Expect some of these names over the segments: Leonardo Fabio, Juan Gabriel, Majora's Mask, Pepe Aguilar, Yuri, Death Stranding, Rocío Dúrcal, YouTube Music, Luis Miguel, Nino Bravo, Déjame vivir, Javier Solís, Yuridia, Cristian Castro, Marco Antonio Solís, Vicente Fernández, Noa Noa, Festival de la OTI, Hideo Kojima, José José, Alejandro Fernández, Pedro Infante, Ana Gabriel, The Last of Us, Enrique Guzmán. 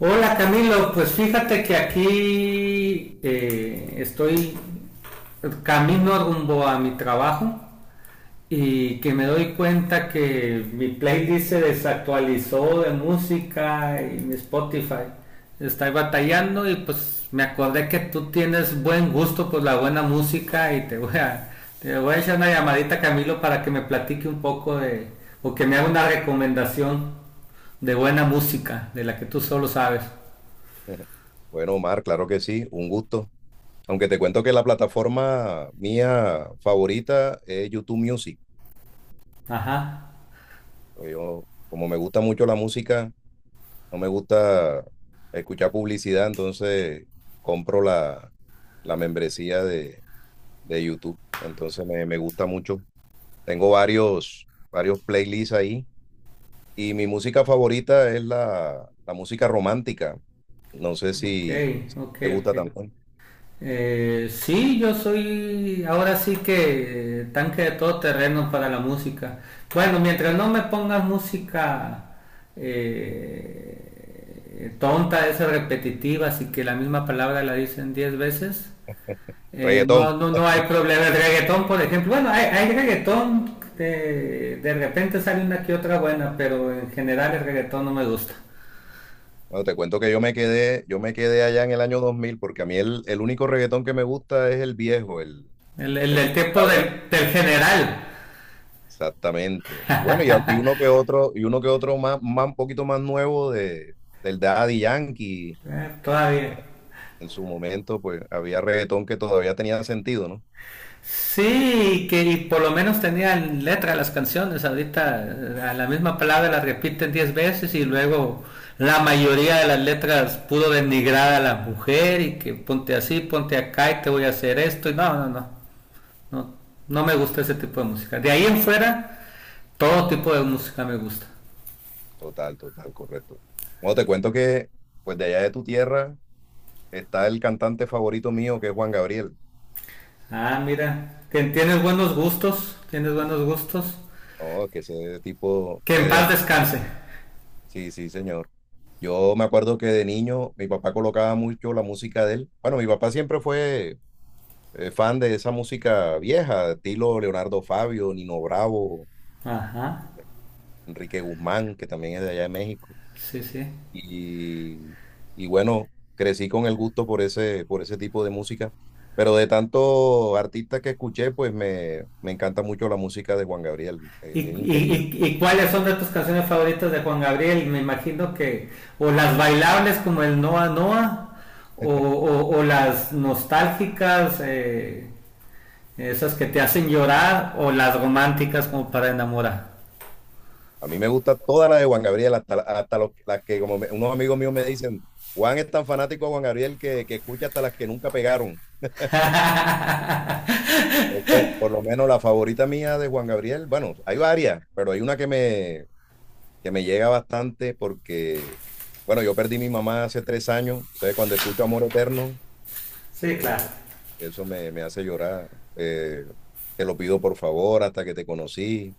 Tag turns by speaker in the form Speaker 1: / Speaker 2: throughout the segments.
Speaker 1: Hola Camilo, pues fíjate que aquí estoy camino rumbo a mi trabajo y que me doy cuenta que mi playlist se desactualizó de música y mi Spotify. Estoy batallando y pues me acordé que tú tienes buen gusto por la buena música y te voy a echar una llamadita Camilo para que me platique un poco o que me haga una recomendación de buena música, de la que tú solo sabes.
Speaker 2: Bueno, Omar, claro que sí, un gusto. Aunque te cuento que la plataforma mía favorita es YouTube Music.
Speaker 1: Ajá,
Speaker 2: Yo, como me gusta mucho la música, no me gusta escuchar publicidad, entonces compro la membresía de YouTube. Entonces me gusta mucho. Tengo varios playlists ahí y mi música favorita es la música romántica. No sé
Speaker 1: ok,
Speaker 2: si
Speaker 1: ok,
Speaker 2: te gusta
Speaker 1: ok.
Speaker 2: también.
Speaker 1: Sí, yo soy ahora sí que tanque de todo terreno para la música. Bueno, mientras no me pongas música tonta, esa repetitiva, así que la misma palabra la dicen 10 veces,
Speaker 2: Reggaetón.
Speaker 1: no, no, no hay problema. El reggaetón, por ejemplo, bueno, hay reggaetón, de repente sale una que otra buena, pero en general el reggaetón no me gusta.
Speaker 2: Bueno, te cuento que yo me quedé allá en el año 2000, porque a mí el único reggaetón que me gusta es el viejo, el,
Speaker 1: El, el,
Speaker 2: el que
Speaker 1: el tiempo
Speaker 2: cantaba.
Speaker 1: del general.
Speaker 2: Exactamente. Bueno, y uno que otro, y uno que otro más un poquito más nuevo del Daddy Yankee.
Speaker 1: Todavía.
Speaker 2: Eh, En su momento, pues había reggaetón que todavía tenía sentido, ¿no?
Speaker 1: Sí, que y por lo menos tenían letra las canciones. Ahorita a la misma palabra la repiten 10 veces y luego la mayoría de las letras pudo denigrar a la mujer y que ponte así, ponte acá y te voy a hacer esto. Y no, no, no. No, no me gusta ese tipo de música. De ahí en fuera, todo tipo de música me gusta.
Speaker 2: Total, total, correcto. Bueno, te cuento que, pues de allá de tu tierra está el cantante favorito mío, que es Juan Gabriel.
Speaker 1: Ah, mira, tienes buenos gustos, tienes buenos gustos.
Speaker 2: No, que ese tipo,
Speaker 1: Que en paz
Speaker 2: desde.
Speaker 1: descanse.
Speaker 2: Sí, sí, señor. Yo me acuerdo que de niño mi papá colocaba mucho la música de él. Bueno, mi papá siempre fue fan de esa música vieja, estilo Leonardo Fabio, Nino Bravo,
Speaker 1: Ajá.
Speaker 2: Enrique Guzmán, que también es de allá de México.
Speaker 1: Sí, sí.
Speaker 2: Y, y bueno, crecí con el gusto por ese tipo de música. Pero de tantos artistas que escuché, pues me encanta mucho la música de Juan Gabriel.
Speaker 1: ¿Y,
Speaker 2: Es increíble.
Speaker 1: y, y, y cuáles son de tus canciones favoritas de Juan Gabriel? Me imagino o las bailables como el Noa Noa, o las nostálgicas, esas que te hacen llorar, o las románticas como para enamorar.
Speaker 2: A mí me gusta toda la de Juan Gabriel, hasta los las que unos amigos míos me dicen, Juan es tan fanático de Juan Gabriel que escucha hasta las que nunca pegaron. Entonces, por lo menos la favorita mía de Juan Gabriel, bueno, hay varias, pero hay una que me llega bastante porque, bueno, yo perdí a mi mamá hace 3 años, entonces cuando escucho Amor Eterno,
Speaker 1: Sí, claro.
Speaker 2: eh, eso me hace llorar. Eh, Te lo pido por favor, hasta que te conocí.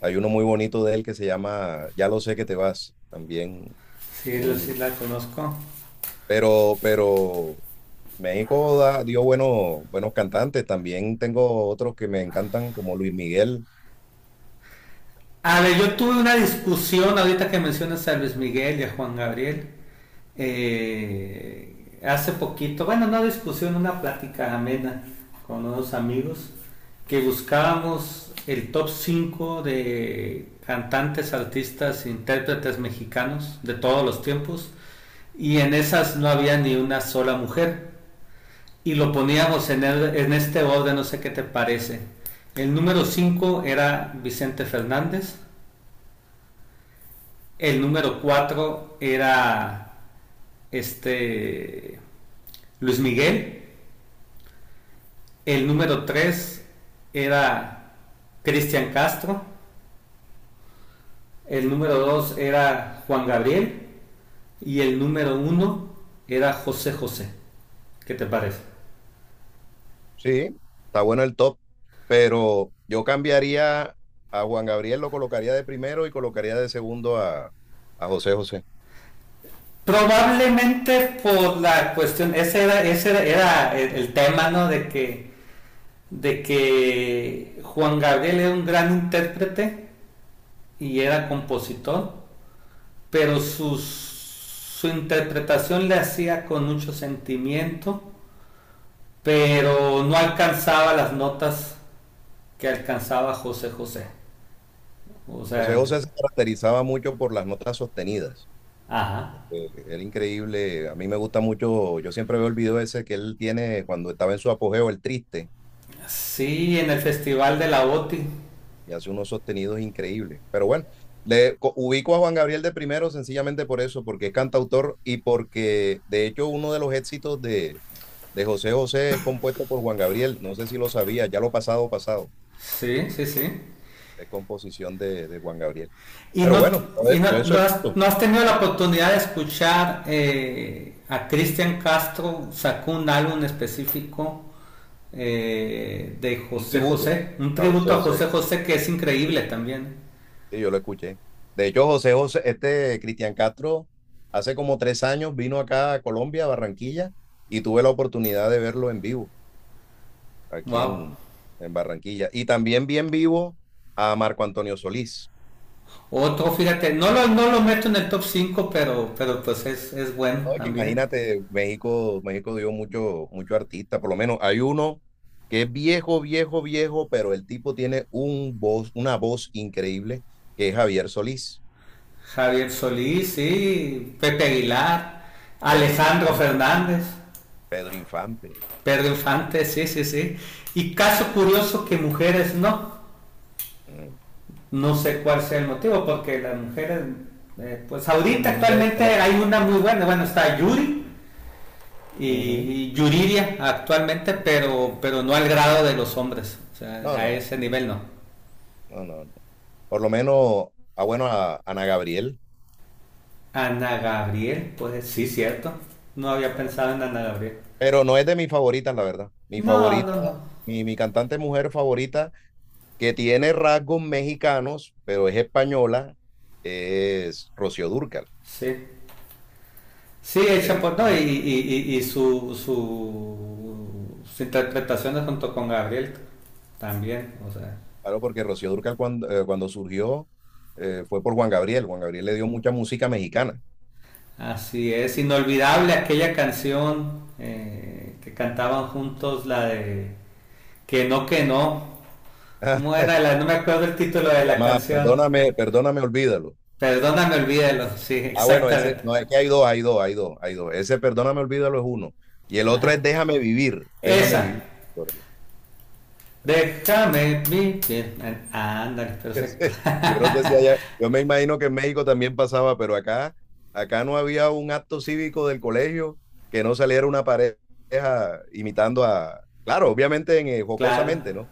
Speaker 2: Hay uno muy bonito de él que se llama Ya lo sé que te vas, también
Speaker 1: Sí, sí
Speaker 2: muy.
Speaker 1: la conozco.
Speaker 2: Pero México dio buenos, buenos cantantes. También tengo otros que me encantan, como Luis Miguel.
Speaker 1: A ver, yo tuve una discusión ahorita que mencionas a Luis Miguel y a Juan Gabriel. Hace poquito, bueno, no discusión, una plática amena con unos amigos que buscábamos el top 5 de cantantes, artistas, intérpretes mexicanos de todos los tiempos y en esas no había ni una sola mujer y lo poníamos en este orden, no sé qué te parece. El número 5 era Vicente Fernández, el número 4 era este Luis Miguel. El número 3 era Cristian Castro. El número 2 era Juan Gabriel. Y el número uno era José José. ¿Qué te parece?
Speaker 2: Sí, está bueno el top, pero yo cambiaría a Juan Gabriel, lo colocaría de primero y colocaría de segundo a José José.
Speaker 1: Probablemente por la cuestión, era el tema, ¿no? De que Juan Gabriel era un gran intérprete y era compositor pero su interpretación le hacía con mucho sentimiento,
Speaker 2: Sí.
Speaker 1: pero no alcanzaba las notas que alcanzaba José José. O sea,
Speaker 2: José José se caracterizaba mucho por las notas sostenidas.
Speaker 1: ajá.
Speaker 2: Era increíble. A mí me gusta mucho. Yo siempre veo el video ese que él tiene cuando estaba en su apogeo, el triste,
Speaker 1: Sí, en el Festival de la OTI.
Speaker 2: y hace unos sostenidos increíbles. Pero bueno, le ubico a Juan Gabriel de primero sencillamente por eso, porque es cantautor y porque de hecho uno de los éxitos de, José José es compuesto por Juan Gabriel. No sé si lo sabía, ya lo pasado, pasado,
Speaker 1: Sí, sí, sí.
Speaker 2: es composición de Juan Gabriel.
Speaker 1: ¿Y
Speaker 2: Pero
Speaker 1: no,
Speaker 2: bueno, todo eso
Speaker 1: ¿No
Speaker 2: es
Speaker 1: no has tenido la oportunidad de escuchar a Cristian Castro sacó un álbum específico de
Speaker 2: un
Speaker 1: José
Speaker 2: tributo
Speaker 1: José, un
Speaker 2: a José
Speaker 1: tributo a
Speaker 2: José.
Speaker 1: José José que es increíble también.
Speaker 2: Sí, yo lo escuché. De hecho, José José, este Cristian Castro, hace como 3 años vino acá a Colombia, a Barranquilla, y tuve la oportunidad de verlo en vivo. Aquí
Speaker 1: Wow.
Speaker 2: en Barranquilla. Y también bien vivo a Marco Antonio Solís.
Speaker 1: Otro, fíjate, no lo meto en el top 5 pero pues es bueno
Speaker 2: No, que
Speaker 1: también.
Speaker 2: imagínate, México, México dio mucho, mucho artista, por lo menos hay uno que es viejo, viejo, viejo, pero el tipo tiene una voz increíble, que es Javier Solís,
Speaker 1: Javier Solís, sí, Pepe Aguilar,
Speaker 2: Pedro
Speaker 1: Alejandro
Speaker 2: Infante,
Speaker 1: Fernández,
Speaker 2: Pedro Infante.
Speaker 1: Pedro Infante, sí, sí, sí. Y caso curioso que mujeres no.
Speaker 2: Mm.
Speaker 1: No sé cuál sea el motivo, porque pues
Speaker 2: ¿Qué
Speaker 1: ahorita
Speaker 2: mujeres?
Speaker 1: actualmente
Speaker 2: Por lo-.
Speaker 1: hay una muy buena, bueno, está Yuri y,
Speaker 2: Ujú.
Speaker 1: y Yuridia actualmente, pero no al grado de los hombres, o sea,
Speaker 2: No,
Speaker 1: a
Speaker 2: no,
Speaker 1: ese nivel no.
Speaker 2: no, no, no. Por lo menos, ah, bueno, a Ana Gabriel.
Speaker 1: Ana Gabriel, pues sí, cierto. No había
Speaker 2: Ana.
Speaker 1: pensado en Ana Gabriel.
Speaker 2: Pero no es de mis favoritas, la verdad. Mi
Speaker 1: No,
Speaker 2: favorita,
Speaker 1: no, no.
Speaker 2: mi cantante mujer favorita, que tiene rasgos mexicanos, pero es española, es Rocío Dúrcal.
Speaker 1: Sí. Sí, el
Speaker 2: Le
Speaker 1: Chapo, no, y,
Speaker 2: dicen,
Speaker 1: y, y- y sus interpretaciones junto con Gabriel también, o sea,
Speaker 2: claro, porque Rocío Dúrcal cuando, cuando, surgió fue por Juan Gabriel. Juan Gabriel le dio mucha música mexicana.
Speaker 1: así es,
Speaker 2: Y
Speaker 1: inolvidable aquella canción que cantaban juntos, la de que no, ¿cómo era? No me acuerdo el título de
Speaker 2: se
Speaker 1: la
Speaker 2: llama
Speaker 1: canción,
Speaker 2: Perdóname, Perdóname, Olvídalo.
Speaker 1: perdóname, olvídalo, sí,
Speaker 2: Ah, bueno, ese,
Speaker 1: exactamente.
Speaker 2: no, es que hay dos, hay dos, hay dos, hay dos. Ese Perdóname, Olvídalo es uno. Y el otro es
Speaker 1: Ajá.
Speaker 2: Déjame Vivir, Déjame
Speaker 1: Esa,
Speaker 2: Vivir.
Speaker 1: déjame vivir. Ándale, perfecto.
Speaker 2: Yo no sé si allá, yo me imagino que en México también pasaba, pero acá no había un acto cívico del colegio que no saliera una pareja imitando a, claro, obviamente
Speaker 1: Claro.
Speaker 2: jocosamente, ¿no?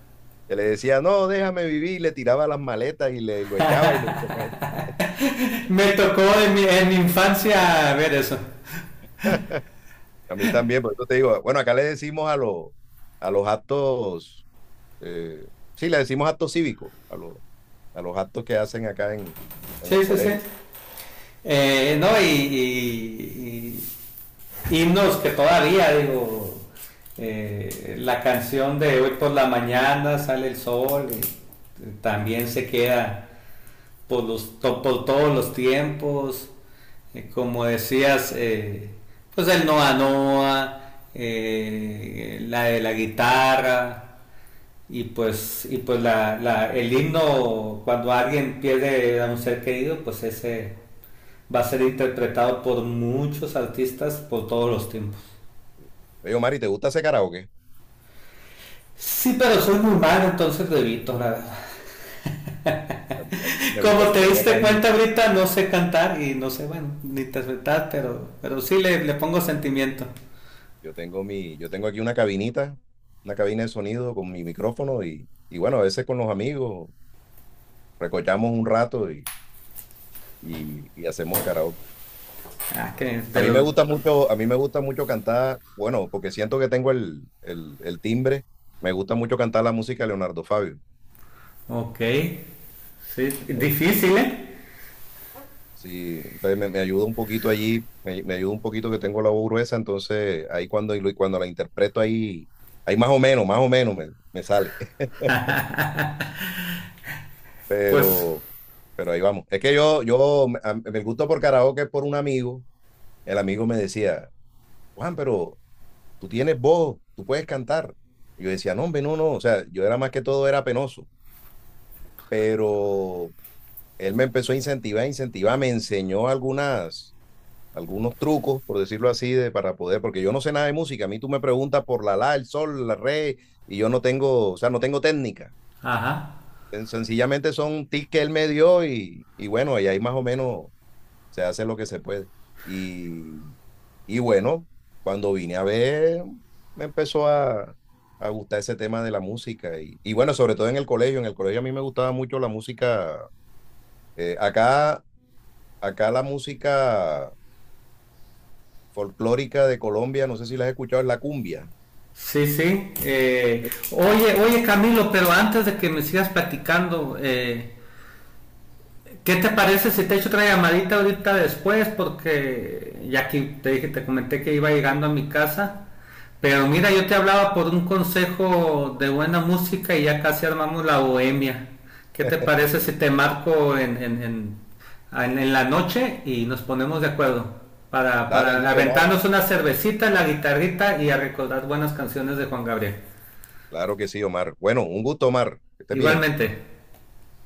Speaker 2: Que le decía, no, déjame vivir, y le tiraba las maletas y lo echaba y le
Speaker 1: Me tocó en mi infancia ver eso.
Speaker 2: a mí también, por eso te digo, bueno, acá le decimos a los actos, eh, sí, le decimos actos cívicos, a los actos que hacen acá en los
Speaker 1: Sí, sí, sí.
Speaker 2: colegios.
Speaker 1: No, y- y himnos que todavía, digo, la canción de hoy por la mañana sale el sol y también se queda por, los, por todos los tiempos, como decías, pues el Noa Noa, la de la guitarra, y pues el himno, cuando alguien pierde a un ser querido, pues ese va a ser interpretado por muchos artistas por todos los tiempos.
Speaker 2: Yo digo, Mari, ¿te gusta ese karaoke?
Speaker 1: Sí, pero soy muy malo, entonces lo evito, la verdad.
Speaker 2: A mí sí me gusta,
Speaker 1: Como
Speaker 2: yo
Speaker 1: te
Speaker 2: tengo acá
Speaker 1: diste
Speaker 2: en mi.
Speaker 1: cuenta ahorita, no sé cantar y no sé, bueno, ni interpretar, pero sí le pongo sentimiento.
Speaker 2: Yo tengo aquí una cabina de sonido con mi micrófono y bueno, a veces con los amigos recochamos un rato y hacemos karaoke.
Speaker 1: Ah, que
Speaker 2: A
Speaker 1: de
Speaker 2: mí me
Speaker 1: los...
Speaker 2: gusta mucho, a mí me gusta mucho cantar, bueno, porque siento que tengo el timbre, me gusta mucho cantar la música de Leonardo Fabio.
Speaker 1: Ok. Sí,
Speaker 2: Entonces,
Speaker 1: difícil, ¿eh?
Speaker 2: sí, entonces me ayuda un poquito allí, me ayuda un poquito que tengo la voz gruesa, entonces ahí cuando la interpreto ahí, ahí más o menos me sale.
Speaker 1: Pues,
Speaker 2: pero, pero ahí vamos. Es que yo me gusto por karaoke es por un amigo. El amigo me decía, Juan, pero tú tienes voz, tú puedes cantar. Y yo decía, no, hombre, no, no. O sea, yo era más que todo, era penoso. Pero él me empezó a incentivar, incentivar, me enseñó algunos trucos, por decirlo así, para poder, porque yo no sé nada de música. A mí tú me preguntas por la, el sol, la re, y yo no tengo, o sea, no tengo técnica.
Speaker 1: ajá.
Speaker 2: Sencillamente son tips que él me dio y, bueno, y ahí más o menos se hace lo que se puede. Y, y bueno, cuando vine a ver, me empezó a gustar ese tema de la música. Y bueno, sobre todo en el colegio a mí me gustaba mucho la música. eh, acá, acá la música folclórica de Colombia, no sé si la has escuchado, es la cumbia.
Speaker 1: Sí, sí. Oye, oye Camilo, pero antes de que me sigas platicando, ¿qué te parece si te echo otra llamadita ahorita después? Porque ya que te dije, te comenté que iba llegando a mi casa. Pero mira, yo te hablaba por un consejo de buena música y ya casi armamos la bohemia. ¿Qué te parece si te marco en la noche y nos ponemos de acuerdo?
Speaker 2: Dale,
Speaker 1: Para
Speaker 2: listo, Omar.
Speaker 1: aventarnos una cervecita, la guitarrita y a recordar buenas canciones de Juan Gabriel.
Speaker 2: Claro que sí, Omar. Bueno, un gusto, Omar. Que estés bien.
Speaker 1: Igualmente.